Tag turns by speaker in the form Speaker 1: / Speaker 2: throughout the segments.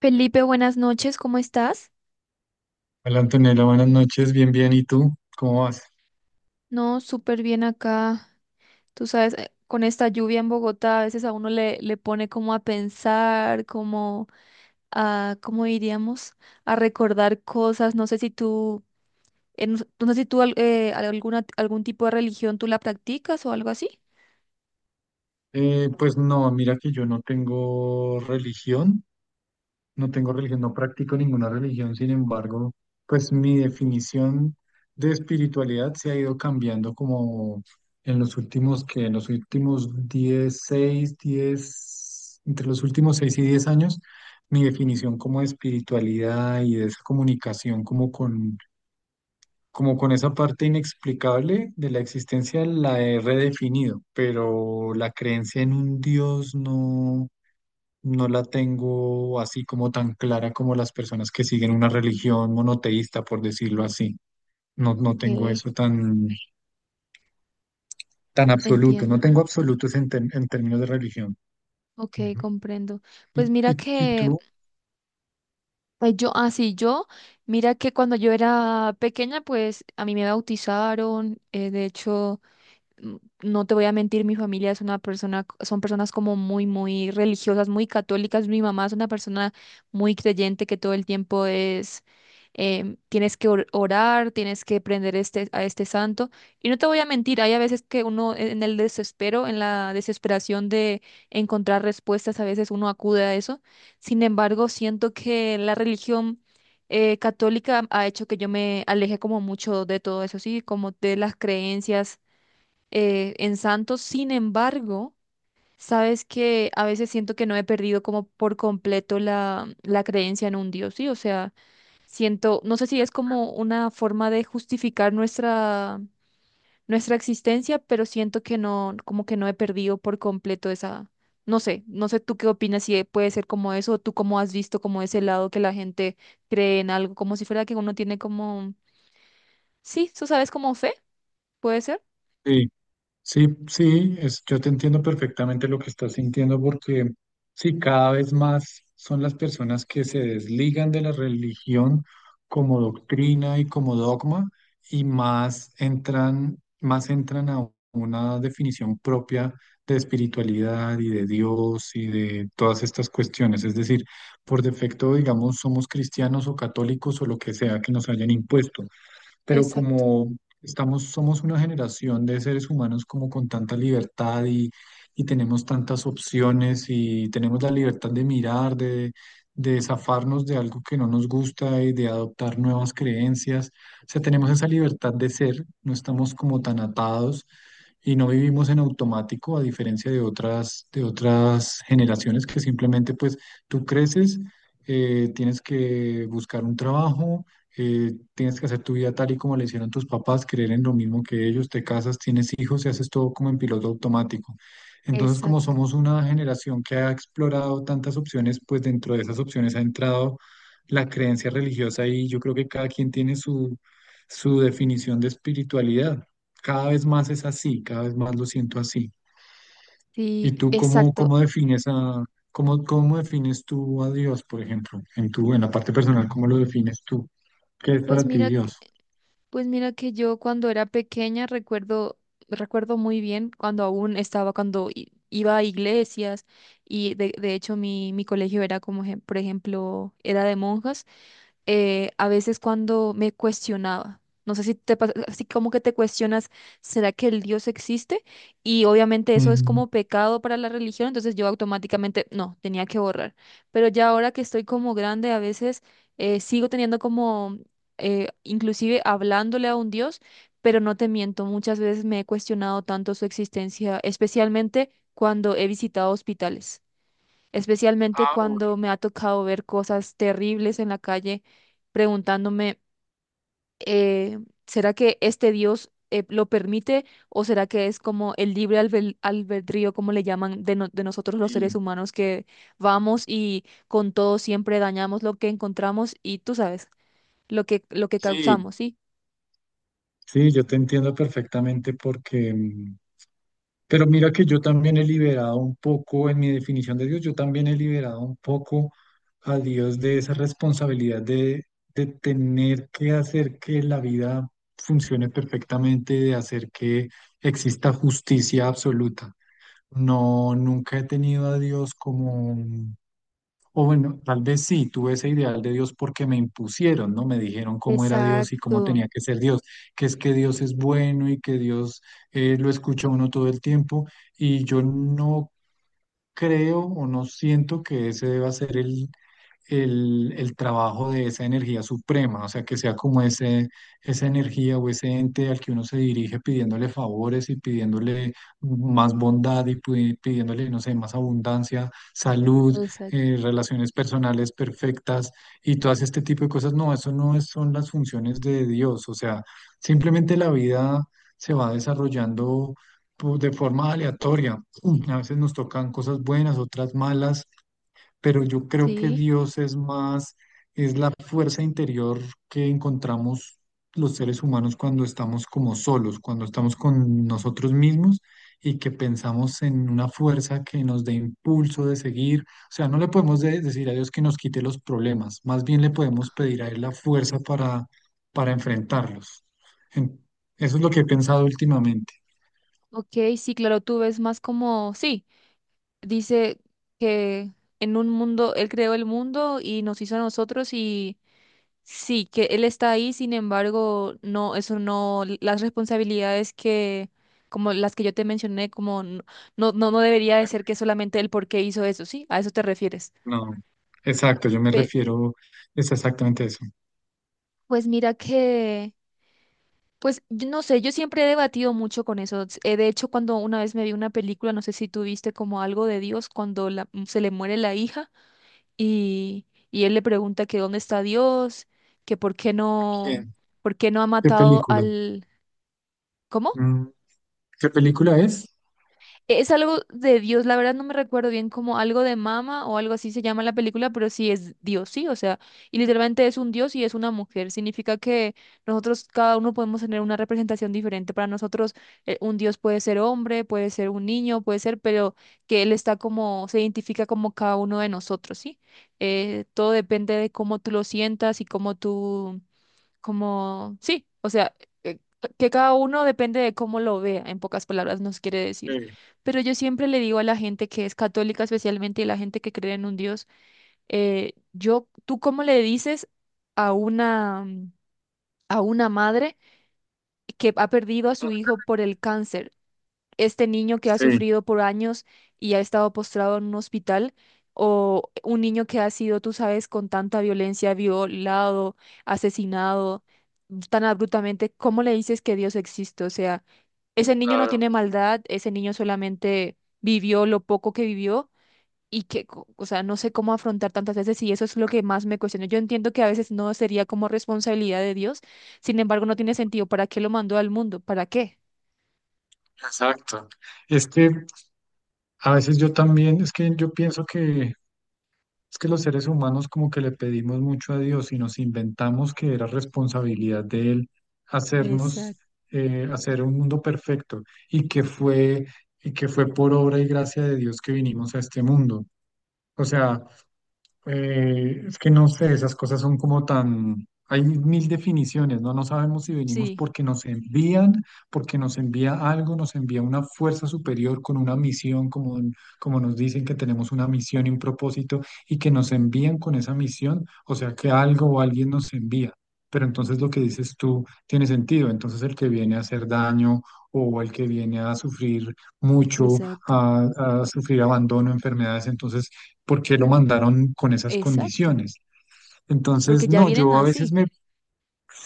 Speaker 1: Felipe, buenas noches, ¿cómo estás?
Speaker 2: Hola Antonella, buenas noches, bien, bien, ¿y tú? ¿Cómo vas?
Speaker 1: No, súper bien acá. Tú sabes, con esta lluvia en Bogotá a veces a uno le pone como a pensar, como a, ¿cómo diríamos? A recordar cosas. No sé si tú, no sé si tú algún tipo de religión tú la practicas o algo así.
Speaker 2: Pues no, mira que yo no tengo religión, no tengo religión, no practico ninguna religión, sin embargo, pues mi definición de espiritualidad se ha ido cambiando como en los últimos 10, entre los últimos 6 y 10 años, mi definición como de espiritualidad y de esa comunicación como con esa parte inexplicable de la existencia la he redefinido, pero la creencia en un Dios no, no la tengo así como tan clara como las personas que siguen una religión monoteísta, por decirlo así. No, no tengo
Speaker 1: Sí,
Speaker 2: eso tan, tan absoluto, no
Speaker 1: entiendo.
Speaker 2: tengo absolutos en términos de religión.
Speaker 1: Ok,
Speaker 2: Ujú.
Speaker 1: comprendo.
Speaker 2: ¿Y,
Speaker 1: Pues mira
Speaker 2: y, y
Speaker 1: que
Speaker 2: tú?
Speaker 1: yo, mira que cuando yo era pequeña, pues a mí me bautizaron, de hecho... mm, no te voy a mentir, mi familia es una persona, son personas como muy, muy religiosas, muy católicas. Mi mamá es una persona muy creyente que todo el tiempo es, tienes que orar, tienes que prender este, a este santo. Y no te voy a mentir, hay a veces que uno en el desespero, en la desesperación de encontrar respuestas, a veces uno acude a eso. Sin embargo, siento que la religión católica ha hecho que yo me aleje como mucho de todo eso, sí, como de las creencias en Santos. Sin embargo, sabes que a veces siento que no he perdido como por completo la creencia en un Dios, ¿sí? O sea, siento, no sé si es como una forma de justificar nuestra, nuestra existencia, pero siento que no, como que no he perdido por completo esa, no sé, no sé tú qué opinas si puede ser como eso, o tú cómo has visto como ese lado que la gente cree en algo, como si fuera que uno tiene como, sí, tú sabes, como fe, ¿puede ser?
Speaker 2: Sí. Sí, sí, es, yo te entiendo perfectamente lo que estás sintiendo porque sí, cada vez más son las personas que se desligan de la religión como doctrina y como dogma y más entran a una definición propia de espiritualidad y de Dios y de todas estas cuestiones. Es decir, por defecto, digamos, somos cristianos o católicos o lo que sea que nos hayan impuesto pero
Speaker 1: Exacto.
Speaker 2: como estamos, somos una generación de seres humanos como con tanta libertad y tenemos tantas opciones y tenemos la libertad de mirar, de zafarnos de algo que no nos gusta y de adoptar nuevas creencias. O sea, tenemos esa libertad de ser, no estamos como tan atados y no vivimos en automático, a diferencia de otras generaciones que simplemente pues tú creces, tienes que buscar un trabajo, tienes que hacer tu vida tal y como le hicieron tus papás, creer en lo mismo que ellos, te casas, tienes hijos y haces todo como en piloto automático. Entonces, como
Speaker 1: Exacto,
Speaker 2: somos una generación que ha explorado tantas opciones, pues dentro de esas opciones ha entrado la creencia religiosa y yo creo que cada quien tiene su, su definición de espiritualidad. Cada vez más es así, cada vez más lo siento así. ¿Y
Speaker 1: sí,
Speaker 2: tú cómo,
Speaker 1: exacto.
Speaker 2: cómo defines a, cómo, cómo defines tú a Dios, por ejemplo, en tu, en la parte personal, cómo lo defines tú? ¿Qué es
Speaker 1: Pues
Speaker 2: para ti
Speaker 1: mira, que-
Speaker 2: Dios?
Speaker 1: pues mira que yo cuando era pequeña recuerdo, recuerdo muy bien cuando aún estaba, cuando iba a iglesias y de hecho mi, mi colegio era como, por ejemplo, era de monjas a veces cuando me cuestionaba. No sé si te pasa, así como que te cuestionas, ¿será que el Dios existe? Y obviamente eso es
Speaker 2: Mm,
Speaker 1: como pecado para la religión, entonces yo automáticamente, no, tenía que borrar. Pero ya ahora que estoy como grande, a veces eh, sigo teniendo como, inclusive hablándole a un Dios, pero no te miento, muchas veces me he cuestionado tanto su existencia, especialmente cuando he visitado hospitales, especialmente
Speaker 2: Ah, uy,
Speaker 1: cuando me ha tocado ver cosas terribles en la calle, preguntándome, eh, ¿será que este Dios lo permite o será que es como el libre albedrío, como le llaman, de, de nosotros los seres
Speaker 2: sí,
Speaker 1: humanos que vamos y con todo siempre dañamos lo que encontramos y tú sabes, lo que
Speaker 2: sí,
Speaker 1: causamos, ¿sí?
Speaker 2: sí, yo te entiendo perfectamente porque pero mira que yo también he liberado un poco, en mi definición de Dios, yo también he liberado un poco a Dios de esa responsabilidad de tener que hacer que la vida funcione perfectamente, de hacer que exista justicia absoluta. No, nunca he tenido a Dios como, o bueno, tal vez sí, tuve ese ideal de Dios porque me impusieron, ¿no? Me dijeron cómo era Dios y cómo
Speaker 1: Exacto,
Speaker 2: tenía que ser Dios, que es que Dios es bueno y que Dios lo escucha a uno todo el tiempo y yo no creo o no siento que ese deba ser el el trabajo de esa energía suprema, o sea, que sea como ese, esa energía o ese ente al que uno se dirige pidiéndole favores y pidiéndole más bondad y pidiéndole, no sé, más abundancia, salud,
Speaker 1: exacto.
Speaker 2: relaciones personales perfectas y todas este tipo de cosas. No, eso no es- son las funciones de Dios, o sea, simplemente la vida se va desarrollando, pues, de forma aleatoria. A veces nos tocan cosas buenas, otras malas, pero yo creo que
Speaker 1: Sí,
Speaker 2: Dios es más, es la fuerza interior que encontramos los seres humanos cuando estamos como solos, cuando estamos con nosotros mismos y que pensamos en una fuerza que nos dé impulso de seguir. O sea, no le podemos decir a Dios que nos quite los problemas, más bien le podemos pedir a Él la fuerza para enfrentarlos. En- Eso es lo que he pensado últimamente.
Speaker 1: ok, sí, claro, tú ves más como, sí. Dice que en un mundo, él creó el mundo y nos hizo a nosotros y sí, que él está ahí, sin embargo, no, eso no, las responsabilidades que, como las que yo te mencioné, como no, no, no debería de ser que solamente él porque hizo eso, ¿sí? A eso te refieres.
Speaker 2: No, exacto, yo me
Speaker 1: Pe-
Speaker 2: refiero, es exactamente eso.
Speaker 1: pues mira que, pues yo no sé, yo siempre he debatido mucho con eso. De hecho, cuando una vez me vi una película, no sé si tú viste como algo de Dios, cuando se le muere la hija, y él le pregunta que dónde está Dios, que
Speaker 2: Bien.
Speaker 1: por qué no ha
Speaker 2: ¿Qué
Speaker 1: matado
Speaker 2: película?
Speaker 1: al, ¿cómo?
Speaker 2: ¿Qué película es?
Speaker 1: Es algo de Dios, la verdad no me recuerdo bien como algo de mama o algo así se llama la película, pero sí es Dios, sí, o sea, y literalmente es un Dios y es una mujer. Significa que nosotros cada uno podemos tener una representación diferente. Para nosotros un Dios puede ser hombre, puede ser un niño, puede ser, pero que Él está como, se identifica como cada uno de nosotros, ¿sí? Todo depende de cómo tú lo sientas y cómo tú como, sí, o sea, eh, que cada uno depende de cómo lo vea, en pocas palabras nos quiere
Speaker 2: Sí,
Speaker 1: decir. Pero yo siempre le digo a la gente que es católica especialmente y la gente que cree en un Dios, ¿tú cómo le dices a una, a una madre que ha perdido a su hijo por el cáncer? Este niño que ha
Speaker 2: sí,
Speaker 1: sufrido por años y ha estado postrado en un hospital, o un niño que ha sido, tú sabes, con tanta violencia, violado, asesinado, tan abruptamente, ¿cómo le dices que Dios existe? O sea, ese niño no
Speaker 2: claro,
Speaker 1: tiene maldad, ese niño solamente vivió lo poco que vivió. O sea, no sé cómo afrontar tantas veces y eso es lo que más me cuestiono. Yo entiendo que a veces no sería como responsabilidad de Dios, sin embargo, no tiene sentido. ¿Para qué lo mandó al mundo? ¿Para qué?
Speaker 2: exacto. Es que a veces yo también, es que yo pienso que es que los seres humanos como que le pedimos mucho a Dios y nos inventamos que era responsabilidad de Él hacernos,
Speaker 1: Exacto.
Speaker 2: hacer un mundo perfecto y que fue, y que fue por obra y gracia de Dios que vinimos a este mundo. O sea, es que no sé, esas cosas son como tan... Hay mil definiciones, ¿no? No sabemos si venimos
Speaker 1: Sí.
Speaker 2: porque nos envían, porque nos envía algo, nos envía una fuerza superior con una misión, como, como nos dicen que tenemos una misión y un propósito, y que nos envían con esa misión, o sea que algo o alguien nos envía. Pero entonces lo que dices tú tiene sentido. Entonces el que viene a hacer daño o el que viene a sufrir mucho,
Speaker 1: Exacto,
Speaker 2: a sufrir abandono, enfermedades, entonces porque lo mandaron con esas
Speaker 1: exacto,
Speaker 2: condiciones. Entonces,
Speaker 1: porque ya
Speaker 2: no,
Speaker 1: vienen
Speaker 2: yo a veces
Speaker 1: así.
Speaker 2: me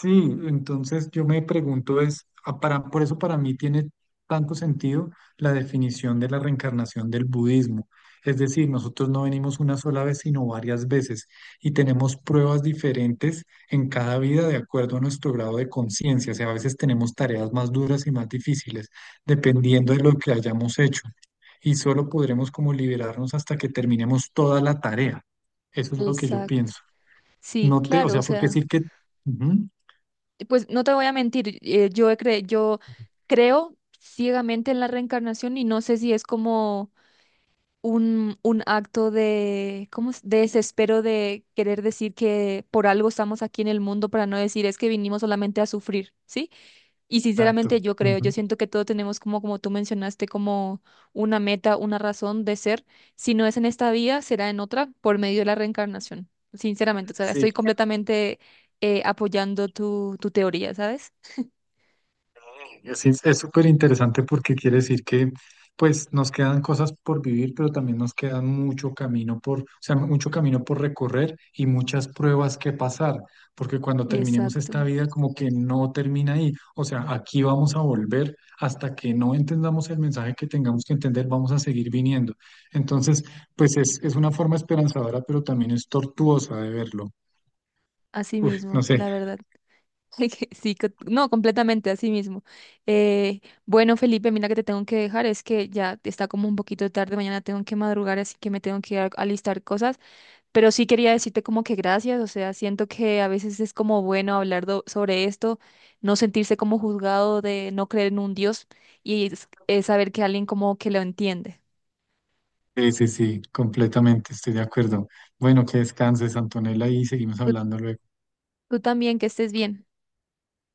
Speaker 2: sí, entonces yo me pregunto es, por eso para mí tiene tanto sentido la definición de la reencarnación del budismo. Es decir, nosotros no venimos una sola vez, sino varias veces y tenemos pruebas diferentes en cada vida de acuerdo a nuestro grado de conciencia. O sea, a veces tenemos tareas más duras y más difíciles, dependiendo de lo que hayamos hecho. Y solo podremos como liberarnos hasta que terminemos toda la tarea. Eso es lo que yo
Speaker 1: Exacto.
Speaker 2: pienso.
Speaker 1: Sí,
Speaker 2: No te, o
Speaker 1: claro, o
Speaker 2: sea, porque
Speaker 1: sea,
Speaker 2: decir que... Ujú.
Speaker 1: pues no te voy a mentir, yo creo ciegamente en la reencarnación y no sé si es como un acto de, ¿cómo es? De desespero de querer decir que por algo estamos aquí en el mundo, para no decir es que vinimos solamente a sufrir, ¿sí? Y
Speaker 2: Exacto.
Speaker 1: sinceramente yo creo,
Speaker 2: Ujú.
Speaker 1: yo siento que todos tenemos como, como tú mencionaste, como una meta, una razón de ser. Si no es en esta vida, será en otra por medio de la reencarnación. Sinceramente, o sea,
Speaker 2: Sí,
Speaker 1: estoy completamente apoyando tu teoría, ¿sabes?
Speaker 2: es súper interesante porque quiere decir que pues nos quedan cosas por vivir, pero también nos quedan mucho camino por, o sea, mucho camino por recorrer y muchas pruebas que pasar, porque cuando terminemos
Speaker 1: Exacto,
Speaker 2: esta vida como que no termina ahí, o sea, aquí vamos a volver hasta que no entendamos el mensaje que tengamos que entender, vamos a seguir viniendo. Entonces, pues es una forma esperanzadora, pero también es tortuosa de verlo.
Speaker 1: así
Speaker 2: Uf, no
Speaker 1: mismo,
Speaker 2: sé.
Speaker 1: la verdad. Que sí, no, completamente, así mismo. Bueno, Felipe, mira que te tengo que dejar, es que ya está como un poquito tarde, mañana tengo que madrugar, así que me tengo que ir alistar cosas. Pero sí quería decirte como que gracias, o sea, siento que a veces es como bueno hablar sobre esto, no sentirse como juzgado de no creer en un Dios y es saber que alguien como que lo entiende.
Speaker 2: Sí, sí, sí, completamente, estoy de acuerdo. Bueno, que descanses, Antonella, y seguimos
Speaker 1: Tú,
Speaker 2: hablando luego.
Speaker 1: tú también, que estés bien.